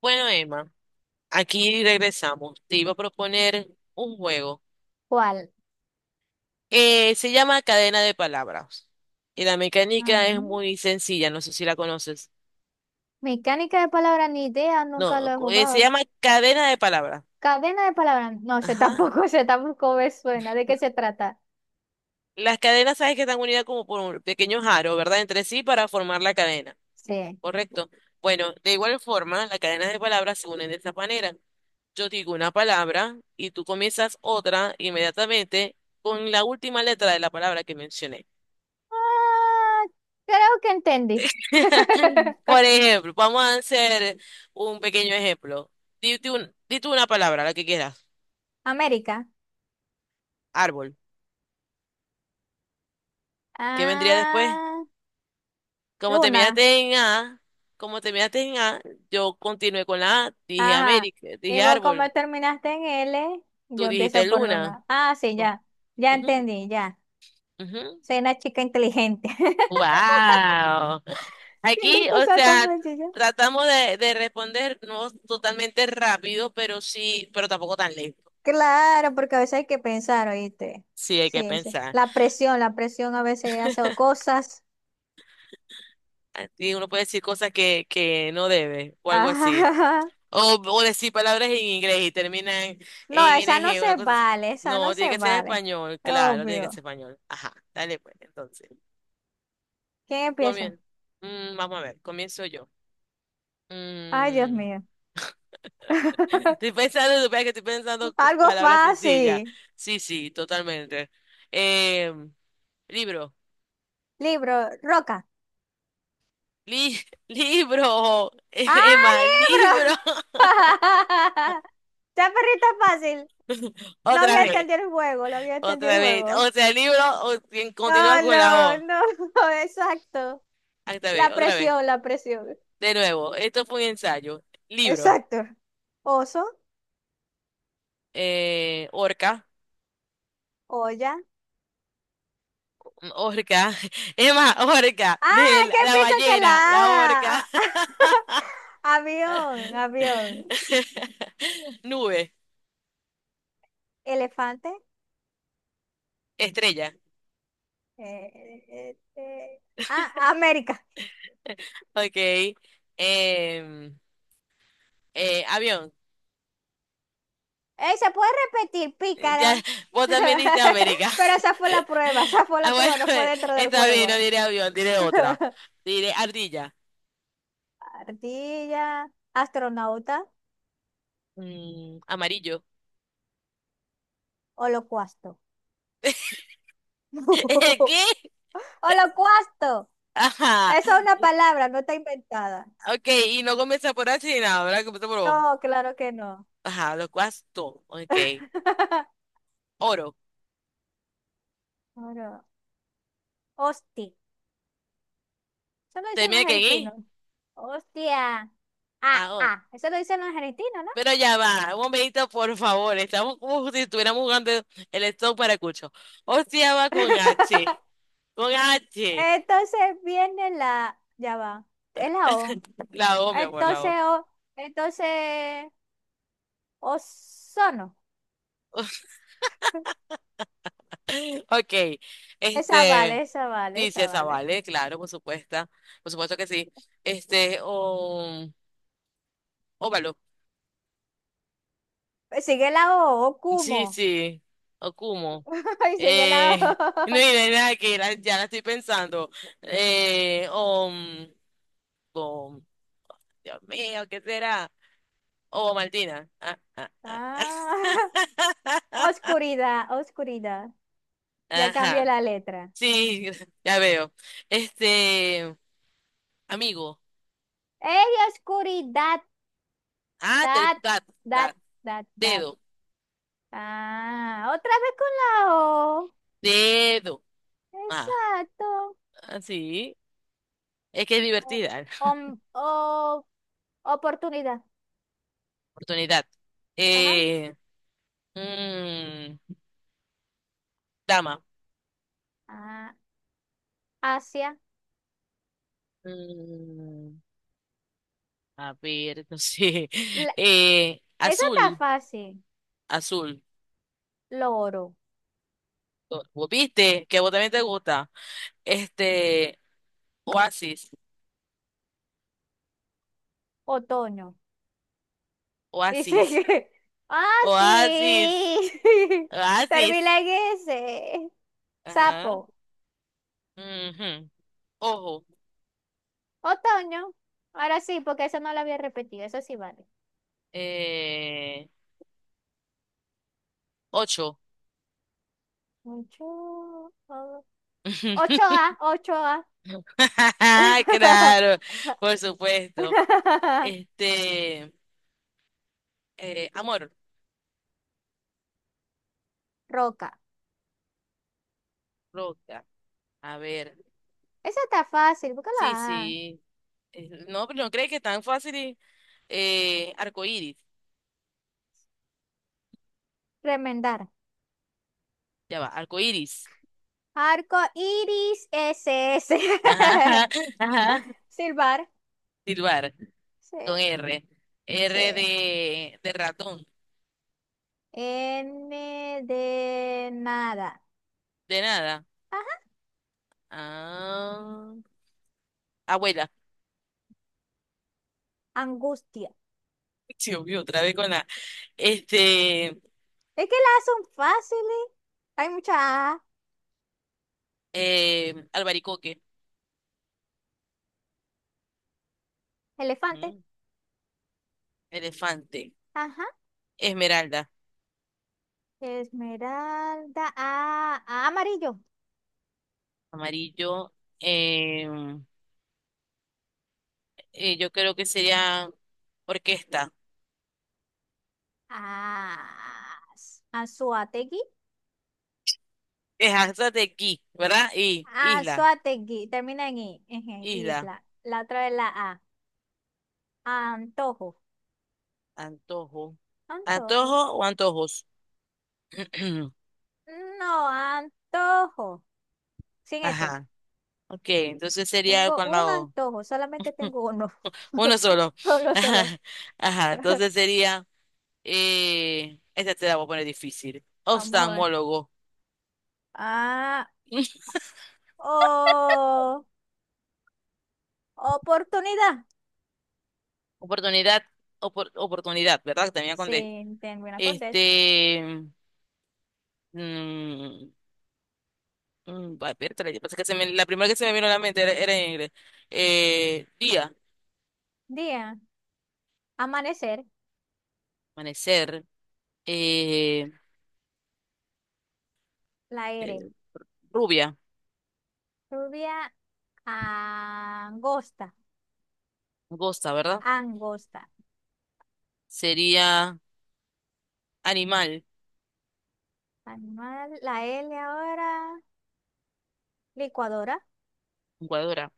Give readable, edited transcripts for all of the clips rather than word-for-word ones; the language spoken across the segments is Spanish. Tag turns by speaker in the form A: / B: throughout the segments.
A: Bueno, Emma, aquí regresamos. Te iba a proponer un juego.
B: ¿Cuál?
A: Se llama Cadena de Palabras. Y la mecánica es
B: Ujú.
A: muy sencilla, no sé si la conoces.
B: Mecánica de palabras, ni idea, nunca lo
A: No,
B: he
A: se
B: jugado.
A: llama Cadena de Palabras.
B: Cadena de palabras, no sé
A: Ajá.
B: tampoco, sé tampoco me suena. ¿De qué se trata?
A: Las cadenas, sabes que están unidas como por un pequeño aro, ¿verdad? Entre sí para formar la cadena.
B: Sí.
A: ¿Correcto? Bueno, de igual forma, las cadenas de palabras se unen de esta manera. Yo digo una palabra y tú comienzas otra inmediatamente con la última letra de la palabra que mencioné.
B: Ah, creo que entendí.
A: Por ejemplo, vamos a hacer un pequeño ejemplo. Dite una palabra, la que quieras.
B: América.
A: Árbol. ¿Qué vendría después?
B: Ah,
A: Como
B: Luna.
A: terminaste en A, como terminaste en A, yo continué con la A, dije
B: Ajá.
A: América,
B: Y
A: dije
B: vos como
A: árbol,
B: terminaste en L, yo
A: tú
B: empiezo
A: dijiste
B: por
A: luna.
B: Luna. Ah, sí,
A: Oh,
B: ya. Ya
A: ujú,
B: entendí, ya.
A: ujú.
B: Soy una chica inteligente.
A: Wow.
B: Viendo
A: Aquí, o
B: cosas tan
A: sea,
B: sencillas.
A: tratamos de responder no totalmente rápido, pero sí, pero tampoco tan lento.
B: Claro, porque a veces hay que pensar, ¿oíste?
A: Sí, hay que
B: Sí, sí.
A: pensar.
B: La presión a veces hace cosas.
A: Y uno puede decir cosas que no debe, o algo así.
B: Ajá.
A: O decir palabras en inglés y terminan
B: No,
A: en
B: esa no
A: NG, una
B: se
A: cosa así.
B: vale, esa no
A: No, tiene
B: se
A: que ser
B: vale.
A: español, claro, tiene que
B: Obvio.
A: ser español. Ajá, dale pues, entonces.
B: ¿Quién empieza?
A: Comien vamos a ver, comienzo yo.
B: Ay, Dios
A: Mm,
B: mío.
A: Estoy pensando, supongo que estoy pensando
B: Algo
A: palabras sencillas.
B: fácil.
A: Sí, sí, totalmente. Eh, libro.
B: Libro, roca.
A: Li- libro.
B: ¡Ah,
A: Emma, libro.
B: libro! Ya, perrito fácil. No
A: Otra
B: había
A: vez.
B: entendido el juego, no había entendido el
A: Otra vez,
B: juego.
A: o sea, quien continúa
B: No,
A: con la
B: no,
A: O.
B: no, exacto.
A: Otra
B: La
A: vez, otra vez.
B: presión, la presión.
A: De nuevo, esto fue un ensayo. Libro,
B: Exacto. Oso,
A: orca,
B: olla.
A: orca, es más, orca,
B: Ah,
A: de
B: ¿qué
A: la
B: pienso que
A: ballena, la
B: la
A: orca.
B: A? Ah, avión, avión.
A: Nube,
B: Elefante.
A: estrella,
B: eh, eh, eh, eh. Ah, América.
A: ok. Em, avión,
B: Se puede repetir,
A: ya,
B: pícara.
A: vos también dijiste América.
B: Pero esa fue la prueba, esa fue la
A: Ah,
B: prueba,
A: bueno,
B: no fue dentro del
A: está bien,
B: juego.
A: no diré avión, diré otra. Diré ardilla.
B: Ardilla, astronauta,
A: Mm, amarillo.
B: holocausto.
A: ¿Qué?
B: Holocausto.
A: Ajá.
B: Esa es una
A: Y-
B: palabra, no está inventada.
A: Ok, y no comienza por H ni nada, ¿verdad? Comienza por O.
B: No, claro que no.
A: Ajá, lo cual es todo. Ok. Oro.
B: Oro. Hostia. Eso lo dicen los
A: ¿Termina que en
B: argentinos.
A: I?
B: Hostia. Ah,
A: Ah, oro.
B: ah. Eso lo dicen los argentinos, ¿no?
A: Pero ya va, un momentito, por favor. Estamos como si estuviéramos jugando el stop para cucho. Hostia, va con H. Con H.
B: Entonces viene la. Ya va. Es la O.
A: La O, mi amor, la
B: Entonces,
A: O.
B: o, entonces, ozono.
A: Ok.
B: Esa vale,
A: Este,
B: esa vale,
A: dice
B: esa
A: esa,
B: vale.
A: ¿vale? Claro, por supuesto. Por supuesto que sí. Este, o óvalo.
B: Sigue la O,
A: Sí,
B: Okumo.
A: sí, Okumo.
B: Ay, sigue la
A: Eh, no
B: O.
A: hay nada que ya la estoy pensando. Eh, o, mm, o, Dios mío, ¿qué será? O Martina. Ah, ah, ah.
B: Ah, oscuridad, oscuridad. Ya cambié
A: Ajá,
B: la letra.
A: sí, ya veo. Este, amigo.
B: ¡Ey, oscuridad!
A: Ah, te-
B: That,
A: da-
B: that,
A: da-
B: that, that.
A: dedo,
B: Ah, otra vez con la O.
A: dedo. Ah,
B: Exacto.
A: ah, sí, es que es
B: O,
A: divertida.
B: om- o- oportunidad.
A: Oportunidad.
B: Ajá.
A: Eh, mm, dama.
B: Ah, Asia.
A: Mm, A ver, no
B: La, esa está
A: Azul,
B: fácil.
A: azul.
B: Loro.
A: ¿Vos ¿Viste? Que a vos también te gusta. Este, Oasis,
B: Otoño. Y
A: Oasis,
B: sigue. Ah,
A: Oasis,
B: sí.
A: Oasis.
B: Termina en ese.
A: Ajá.
B: Sapo.
A: Ujú. Ojo.
B: Otoño. Ahora sí, porque eso no lo había repetido. Eso sí vale.
A: Eh, ocho.
B: Ocho. o- ocho a ocho a
A: Claro, por supuesto. Este, amor,
B: Roca.
A: roca. A ver.
B: Esa está fácil,
A: Sí,
B: búscala.
A: sí. No, pero no crees que es tan fácil. Arcoíris.
B: Remendar.
A: Ya va, arcoíris.
B: Arco iris s s,
A: Ajá, ajá. ajá.
B: silbar.
A: Silbar,
B: Sí,
A: con R.
B: sí.
A: R de ratón,
B: N de nada.
A: de nada.
B: Ajá.
A: Ah, abuela.
B: Angustia.
A: Sí, obvio, otra vez con la. Este,
B: Es que las son fáciles. Hay mucha A.
A: albaricoque.
B: Elefante.
A: Ujú. Elefante.
B: Ajá.
A: Esmeralda.
B: Esmeralda. A. A amarillo.
A: Amarillo. eh, yo creo que sería orquesta.
B: A. Anzuategui.
A: Dejanza de aquí, ¿verdad? Y
B: Ah,
A: isla.
B: Suategui, termina en I, eje,
A: Isla.
B: isla. La otra es la A. Antojo.
A: Antojo.
B: Antojo.
A: ¿Antojo o antojos?
B: No, antojo. Sin ese.
A: Ajá. Ok, entonces sería
B: Tengo
A: con la
B: un
A: O.
B: antojo, solamente tengo uno.
A: Uno solo.
B: Solo solo.
A: Ajá. Ajá. Entonces sería, esta te la voy a poner difícil.
B: Vamos a ver.
A: Oftalmólogo.
B: Ah, o. Oportunidad.
A: Oportunidad, oportunidad, ¿verdad? Que termina con D.
B: Sin termina con D.
A: Este, mm, va, espérate, yo pensé que la primera que se me vino a la mente era en inglés. Día,
B: Día. Amanecer.
A: amanecer, eh,
B: La R.
A: eh, rubia,
B: Lluvia angosta.
A: gosta, ¿verdad?
B: Angosta.
A: Sería animal,
B: Animal. La L ahora. Licuadora.
A: jugadora.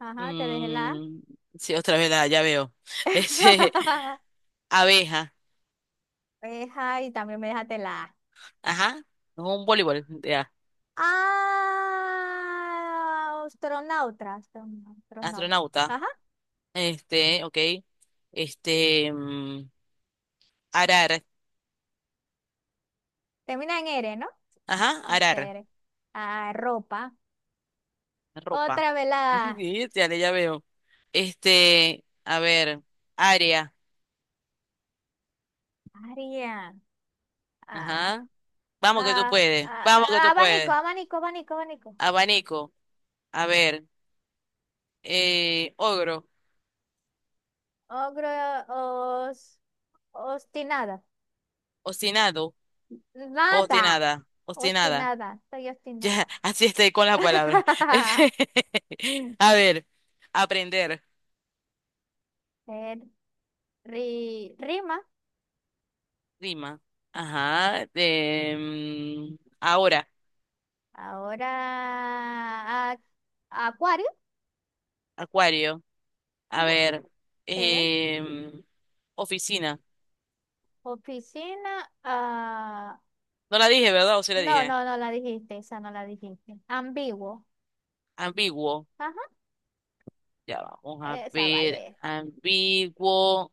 B: Ajá, te dejé la A.
A: Mm, sí, otra vez la, ya veo. Este, abeja,
B: Ajá, y también me dejaste la A.
A: ajá, no, un voleibol, ya,
B: Ah, astronauta, astronauta, astronauta.
A: astronauta,
B: Ajá,
A: este, ok, este, mm, arar,
B: termina en R, ¿no?
A: ajá, arar,
B: Hacer. Ah, ropa.
A: ropa,
B: Otra vez la A.
A: Sí, ya, ya veo. Este, a ver, área,
B: Aria. Ah,
A: ajá,
B: ah,
A: vamos que
B: ah,
A: tú
B: abanico,
A: puedes,
B: abanico, abanico, abanico.
A: abanico, a ver, ogro,
B: Ogro, os, obstinada.
A: obstinado,
B: Nada.
A: obstinada, obstinada.
B: Obstinada, estoy
A: Ya,
B: obstinada.
A: así estoy con las palabras. A ver, aprender,
B: Eh, Rima.
A: rima. Ajá. Ahora,
B: Ahora acuario.
A: acuario. A
B: Ujú.
A: ver,
B: Sí.
A: em, oficina.
B: Oficina. Ah,
A: No la dije, ¿verdad? ¿O sí la
B: no,
A: dije?
B: no, no la dijiste. Esa no la dijiste. Ambiguo.
A: Ambiguo.
B: Ajá.
A: Ya vamos a
B: Esa
A: ver.
B: vale.
A: Ambiguo.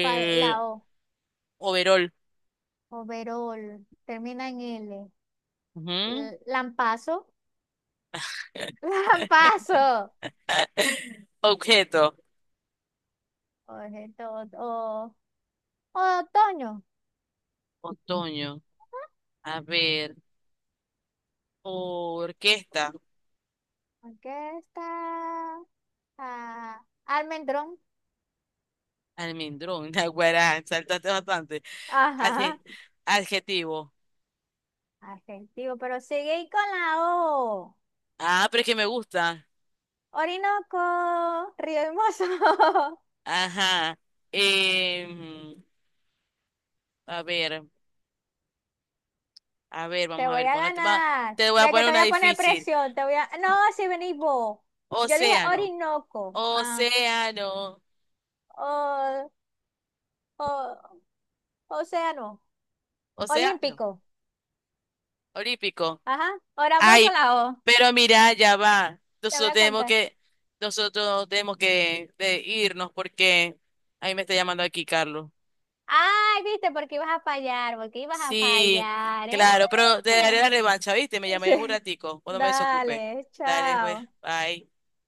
B: ¿Cuál? La O.
A: overall.
B: Overol. Termina en L.
A: Ujú.
B: Lampazo. Lampazo.
A: Objeto.
B: Objeto. Otoño.
A: Otoño. A ver. Orquesta.
B: Aquí está. Ah, almendrón.
A: Almendrón. Naguará. Saltaste bastante.
B: Ajá.
A: Adje- adjetivo.
B: Adjetivo, pero sigue ahí con la O.
A: Ah, pero es que me gusta.
B: Orinoco, Río Hermoso.
A: Ajá. Em, a ver,
B: Te
A: vamos a
B: voy
A: ver,
B: a
A: ponete, va,
B: ganar.
A: te voy a
B: Ve que
A: poner
B: te voy
A: una
B: a poner
A: difícil.
B: presión. Te voy a. No, si venís vos. Yo dije
A: Océano,
B: Orinoco. Ah,
A: océano,
B: o, o, océano.
A: océano,
B: Olímpico.
A: olímpico.
B: Ajá. Ahora vos con
A: Ay,
B: la O.
A: pero mira, ya va.
B: Te voy a contar.
A: Nosotros tenemos que de irnos porque ahí me está llamando aquí Carlos.
B: Ay, viste, porque ibas a fallar, porque ibas a
A: Sí,
B: fallar, ¿eh?
A: claro, pero te daré la revancha, ¿viste? Me llamáis en un
B: Sí.
A: ratico, cuando me desocupe.
B: Dale,
A: Dale, pues,
B: chao.
A: bye.